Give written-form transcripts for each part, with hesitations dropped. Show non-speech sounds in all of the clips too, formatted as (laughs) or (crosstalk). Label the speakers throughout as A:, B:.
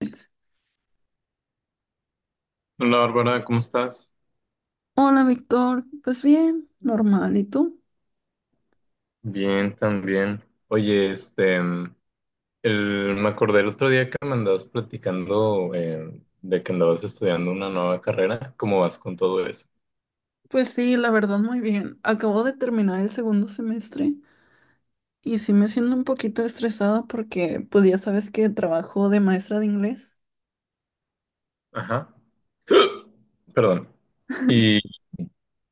A: Alex.
B: Hola Bárbara, ¿cómo estás?
A: Hola, Víctor. Pues bien, normal. ¿Y tú?
B: Bien, también. Oye, me acordé el otro día que me andabas platicando de que andabas estudiando una nueva carrera. ¿Cómo vas con todo eso?
A: Pues sí, la verdad muy bien. Acabo de terminar el segundo semestre y sí me siento un poquito estresada porque pues ya sabes que trabajo de maestra de inglés.
B: Ajá, perdón. Y,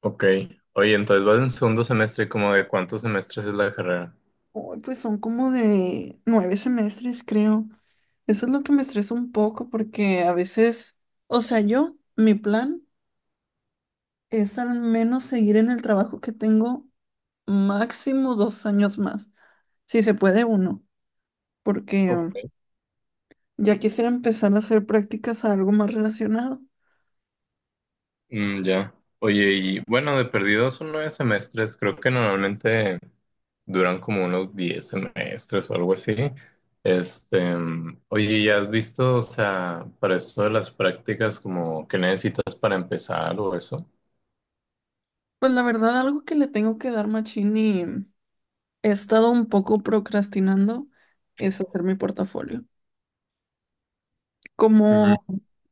B: ok, oye, entonces vas en segundo semestre, ¿cómo de cuántos semestres es la carrera?
A: Hoy pues son como de 9 semestres, creo. Eso es lo que me estresa un poco porque a veces, o sea, yo, mi plan es al menos seguir en el trabajo que tengo máximo 2 años más, si se puede uno, porque ya quisiera empezar a hacer prácticas a algo más relacionado.
B: Mm, ya. Oye, y bueno, de perdido son nueve semestres. Creo que normalmente duran como unos diez semestres o algo así. Oye, ¿ya has visto, o sea, para esto de las prácticas, como qué necesitas para empezar o eso?
A: Pues la verdad, algo que le tengo que dar machín y he estado un poco procrastinando es hacer mi portafolio.
B: Mm.
A: Como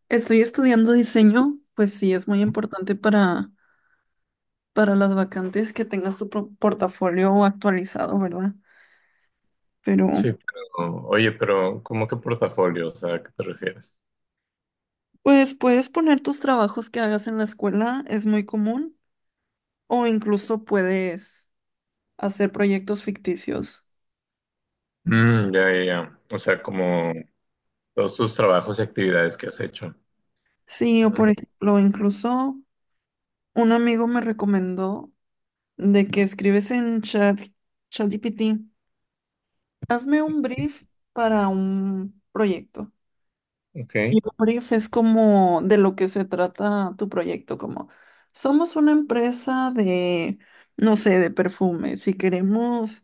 A: estoy estudiando diseño, pues sí es muy importante para las vacantes que tengas tu portafolio actualizado, ¿verdad? Pero
B: Sí, pero, oye, pero ¿cómo que portafolio? O sea, ¿a qué te refieres?
A: pues puedes poner tus trabajos que hagas en la escuela, es muy común, o incluso puedes hacer proyectos ficticios.
B: Mm, ya, ya, ya. O sea, como todos tus trabajos y actividades que has hecho.
A: Sí, o por
B: Mm.
A: ejemplo, incluso un amigo me recomendó de que escribes en chat, ChatGPT, hazme un brief para un proyecto. Y
B: Ok.
A: un brief es como de lo que se trata tu proyecto, como somos una empresa de, no sé, de perfumes y queremos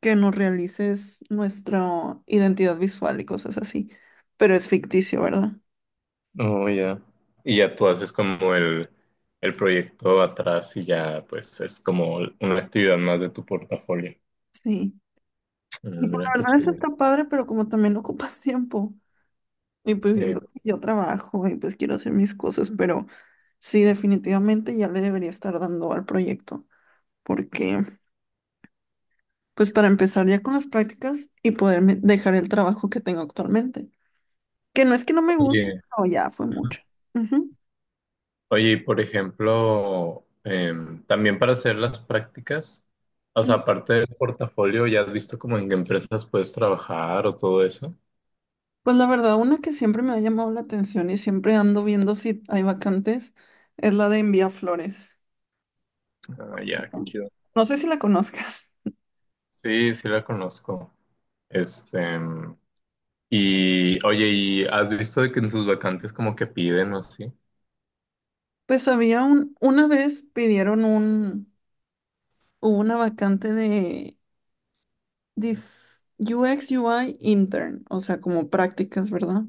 A: que nos realices nuestra identidad visual y cosas así. Pero es ficticio, ¿verdad?
B: Oh, ya. Y ya tú haces como el proyecto atrás y ya pues es como una actividad más de tu portafolio.
A: Sí. Y
B: Mm,
A: pues,
B: mira
A: la
B: qué
A: verdad es
B: chido.
A: está padre, pero como también ocupas tiempo. Y pues
B: Sí.
A: siento que yo trabajo y pues quiero hacer mis cosas, pero sí, definitivamente ya le debería estar dando al proyecto, porque pues para empezar ya con las prácticas y poderme dejar el trabajo que tengo actualmente, que no es que no me guste,
B: Oye,
A: pero ya fue mucho. Ujú.
B: oye, y por ejemplo, también para hacer las prácticas, o sea,
A: Mm,
B: aparte del portafolio, ¿ya has visto como en qué empresas puedes trabajar o todo eso?
A: pues la verdad, una que siempre me ha llamado la atención y siempre ando viendo si hay vacantes es la de envía flores.
B: Ah, ya, qué chido.
A: No sé si la conozcas.
B: Sí, sí la conozco. Este, em, y oye, ¿y has visto de que en sus vacantes como que piden o así?
A: Pues una vez hubo una vacante de dice UX UI intern, o sea, como prácticas, ¿verdad?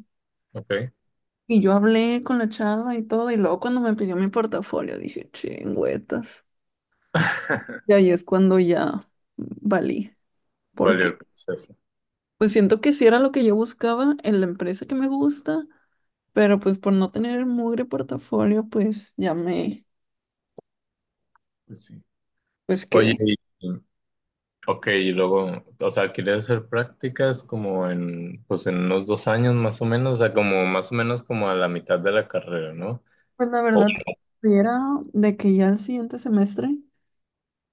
B: Ok.
A: Y yo hablé con la chava y todo, y luego cuando me pidió mi portafolio dije, chingüetas.
B: (laughs)
A: Y ahí es cuando ya valí,
B: Valió
A: porque
B: el proceso.
A: pues siento que sí era lo que yo buscaba en la empresa que me gusta, pero pues por no tener mugre portafolio,
B: Pues sí.
A: pues
B: Oye,
A: quedé.
B: y, ok, y luego, o sea, quería hacer prácticas como pues en unos dos años más o menos, o sea, como más o menos como a la mitad de la carrera, ¿no?
A: Pues la
B: O-
A: verdad, si era de que ya el siguiente semestre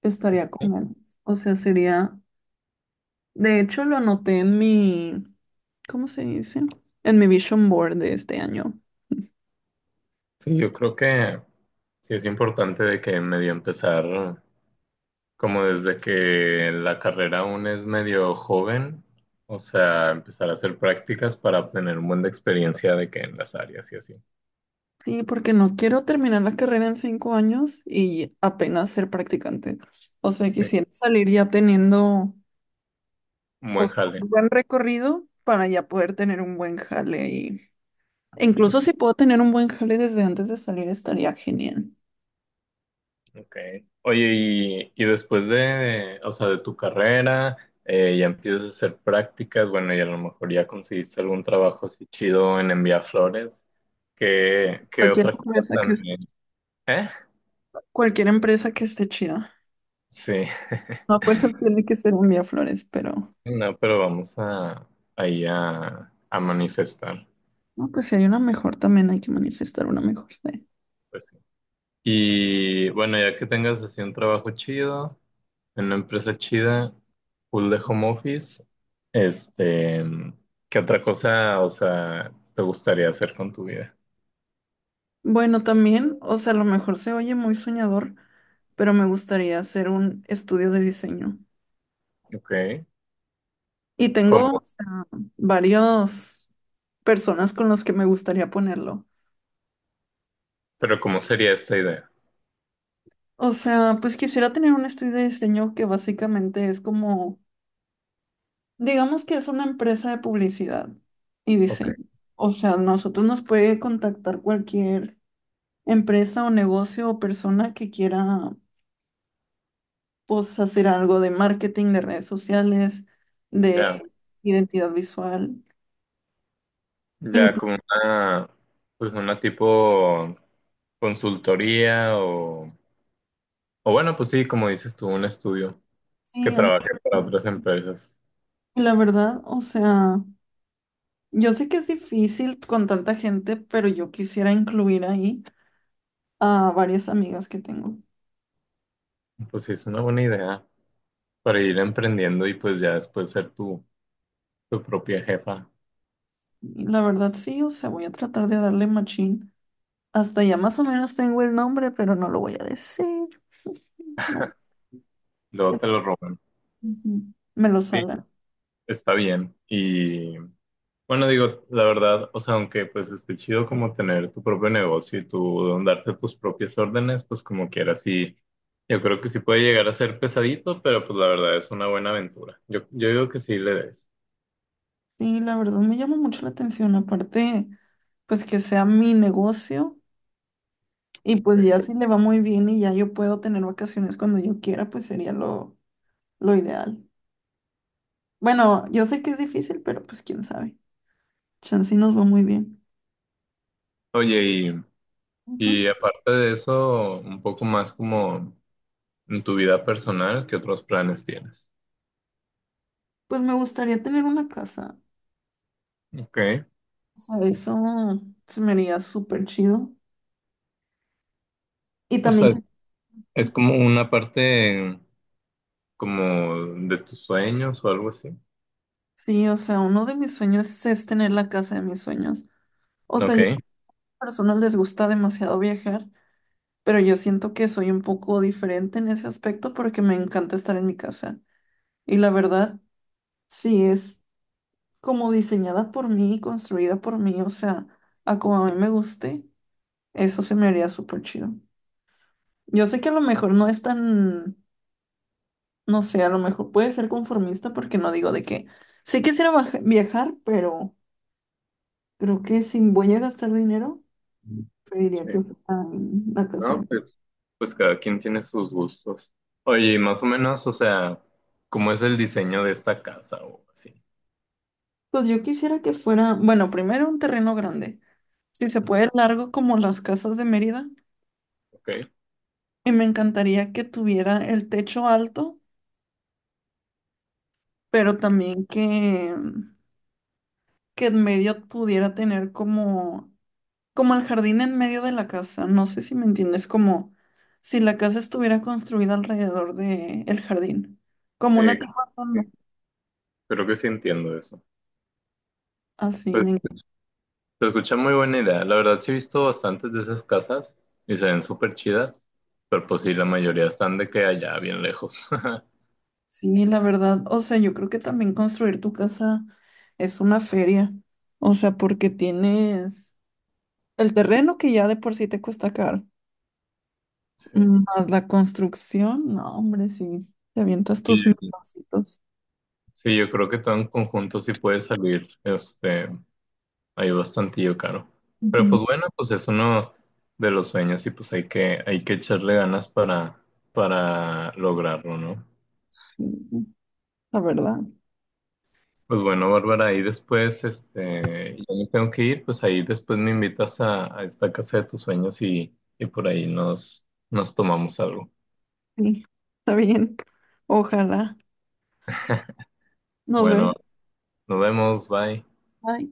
A: estaría con él, o sea, sería, de hecho, lo anoté en mi, ¿cómo se dice? En mi vision board de este año.
B: sí, yo creo que sí es importante de que medio empezar, como desde que la carrera aún es medio joven, o sea, empezar a hacer prácticas para obtener un buen de experiencia de que en las áreas y así.
A: Sí, porque no quiero terminar la carrera en 5 años y apenas ser practicante. O sea,
B: Sí,
A: quisiera salir ya teniendo,
B: un
A: o
B: buen
A: sea,
B: jale.
A: un buen recorrido para ya poder tener un buen jale. Y e incluso si puedo tener un buen jale desde antes de salir, estaría genial.
B: Okay. Oye, y después de, o sea, de tu carrera, ya empiezas a hacer prácticas, bueno, y a lo mejor ya conseguiste algún trabajo así chido en enviar flores. ¿Qué
A: Cualquier
B: otra cosa
A: empresa que
B: también? ¿Eh?
A: Cualquier empresa que esté chida.
B: Sí,
A: A fuerza tiene que ser un Vía Flores, pero
B: (laughs) no, pero vamos a ahí a manifestar,
A: no, pues si hay una mejor, también hay que manifestar una mejor, ¿eh?
B: pues sí. Y bueno, ya que tengas así un trabajo chido, en una empresa chida, full de home office. Este, ¿qué otra cosa, o sea, te gustaría hacer con tu vida?
A: Bueno, también, o sea, a lo mejor se oye muy soñador, pero me gustaría hacer un estudio de diseño.
B: Ok.
A: Y
B: ¿Cómo?
A: tengo, o sea, varios personas con los que me gustaría ponerlo.
B: Pero ¿cómo sería esta idea?
A: O sea, pues quisiera tener un estudio de diseño que básicamente es como, digamos que es una empresa de publicidad y
B: Ok.
A: diseño. O sea, nosotros nos puede contactar cualquier empresa o negocio o persona que quiera, pues, hacer algo de marketing, de redes sociales, de
B: Ya,
A: identidad visual,
B: ya
A: incluso.
B: como una, pues una tipo consultoría o bueno, pues sí, como dices tú, un estudio que trabaje para otras empresas.
A: La verdad, o sea, yo sé que es difícil con tanta gente, pero yo quisiera incluir ahí a varias amigas que tengo.
B: Pues sí, es una buena idea para ir emprendiendo y pues ya después ser tu propia jefa.
A: Y la verdad, sí, o sea, voy a tratar de darle machín. Hasta ya más o menos tengo el nombre, pero no lo voy a decir. (laughs) No.
B: Luego te lo roban.
A: Ujú. Me lo
B: Sí,
A: salan.
B: está bien. Y bueno, digo, la verdad, o sea, aunque pues esté chido como tener tu propio negocio y tú darte tus propias órdenes, pues como quieras, sí, yo creo que sí puede llegar a ser pesadito, pero pues la verdad es una buena aventura. Yo digo que sí le des.
A: Sí, la verdad me llama mucho la atención. Aparte, pues que sea mi negocio y pues
B: Pues,
A: ya si le va muy bien y ya yo puedo tener vacaciones cuando yo quiera, pues sería lo ideal. Bueno, yo sé que es difícil, pero pues quién sabe. Chance y nos va muy bien.
B: oye, y,
A: Ujú.
B: y aparte de eso, un poco más como en tu vida personal, ¿qué otros planes tienes?
A: Pues me gustaría tener una casa.
B: Okay.
A: O sea, eso se me haría súper chido. Y
B: O sea,
A: también
B: es como una parte como de tus sueños o algo así.
A: sí, o sea, uno de mis sueños es tener la casa de mis sueños. O sea,
B: Ok.
A: a las personas les gusta demasiado viajar, pero yo siento que soy un poco diferente en ese aspecto porque me encanta estar en mi casa. Y la verdad, sí es como diseñada por mí, construida por mí, o sea, a como a mí me guste, eso se me haría súper chido. Yo sé que a lo mejor no es tan, no sé, a lo mejor puede ser conformista porque no digo de que sí quisiera viajar, pero creo que si voy a gastar dinero, preferiría que
B: Sí,
A: fuera en la casa
B: no,
A: de...
B: pues, pues cada quien tiene sus gustos. Oye, y más o menos, o sea, ¿cómo es el diseño de esta casa o así?
A: Pues yo quisiera que fuera, bueno, primero un terreno grande, si se puede largo como las casas de Mérida,
B: ¿Ok?
A: y me encantaría que tuviera el techo alto, pero también que, que en medio pudiera tener como, como el jardín en medio de la casa, no sé si me entiendes, como si la casa estuviera construida alrededor de el jardín, como una
B: Sí,
A: terraza, ¿no?
B: que creo que sí entiendo eso.
A: Así,
B: Pues
A: me...
B: se escucha muy buena idea. La verdad sí he visto bastantes de esas casas y se ven súper chidas, pero pues sí, la mayoría están de que allá, bien lejos. (laughs)
A: Sí, la verdad, o sea, yo creo que también construir tu casa es una feria, o sea, porque tienes el terreno que ya de por sí te cuesta caro,
B: Sí.
A: más la construcción, no, hombre, sí, te avientas tus
B: Y-
A: milloncitos.
B: sí, yo creo que todo en conjunto sí puede salir, este, hay bastantillo caro. Pero
A: Ujú.
B: pues bueno, pues es uno de los sueños y pues hay que echarle ganas para lograrlo, ¿no?
A: Sí, la verdad,
B: Pues bueno, Bárbara, ahí después, este, yo me tengo que ir, pues ahí después me invitas a esta casa de tus sueños y por ahí nos tomamos algo.
A: sí, está bien, ojalá, nos
B: Bueno,
A: vemos.
B: nos vemos, bye.
A: Bye.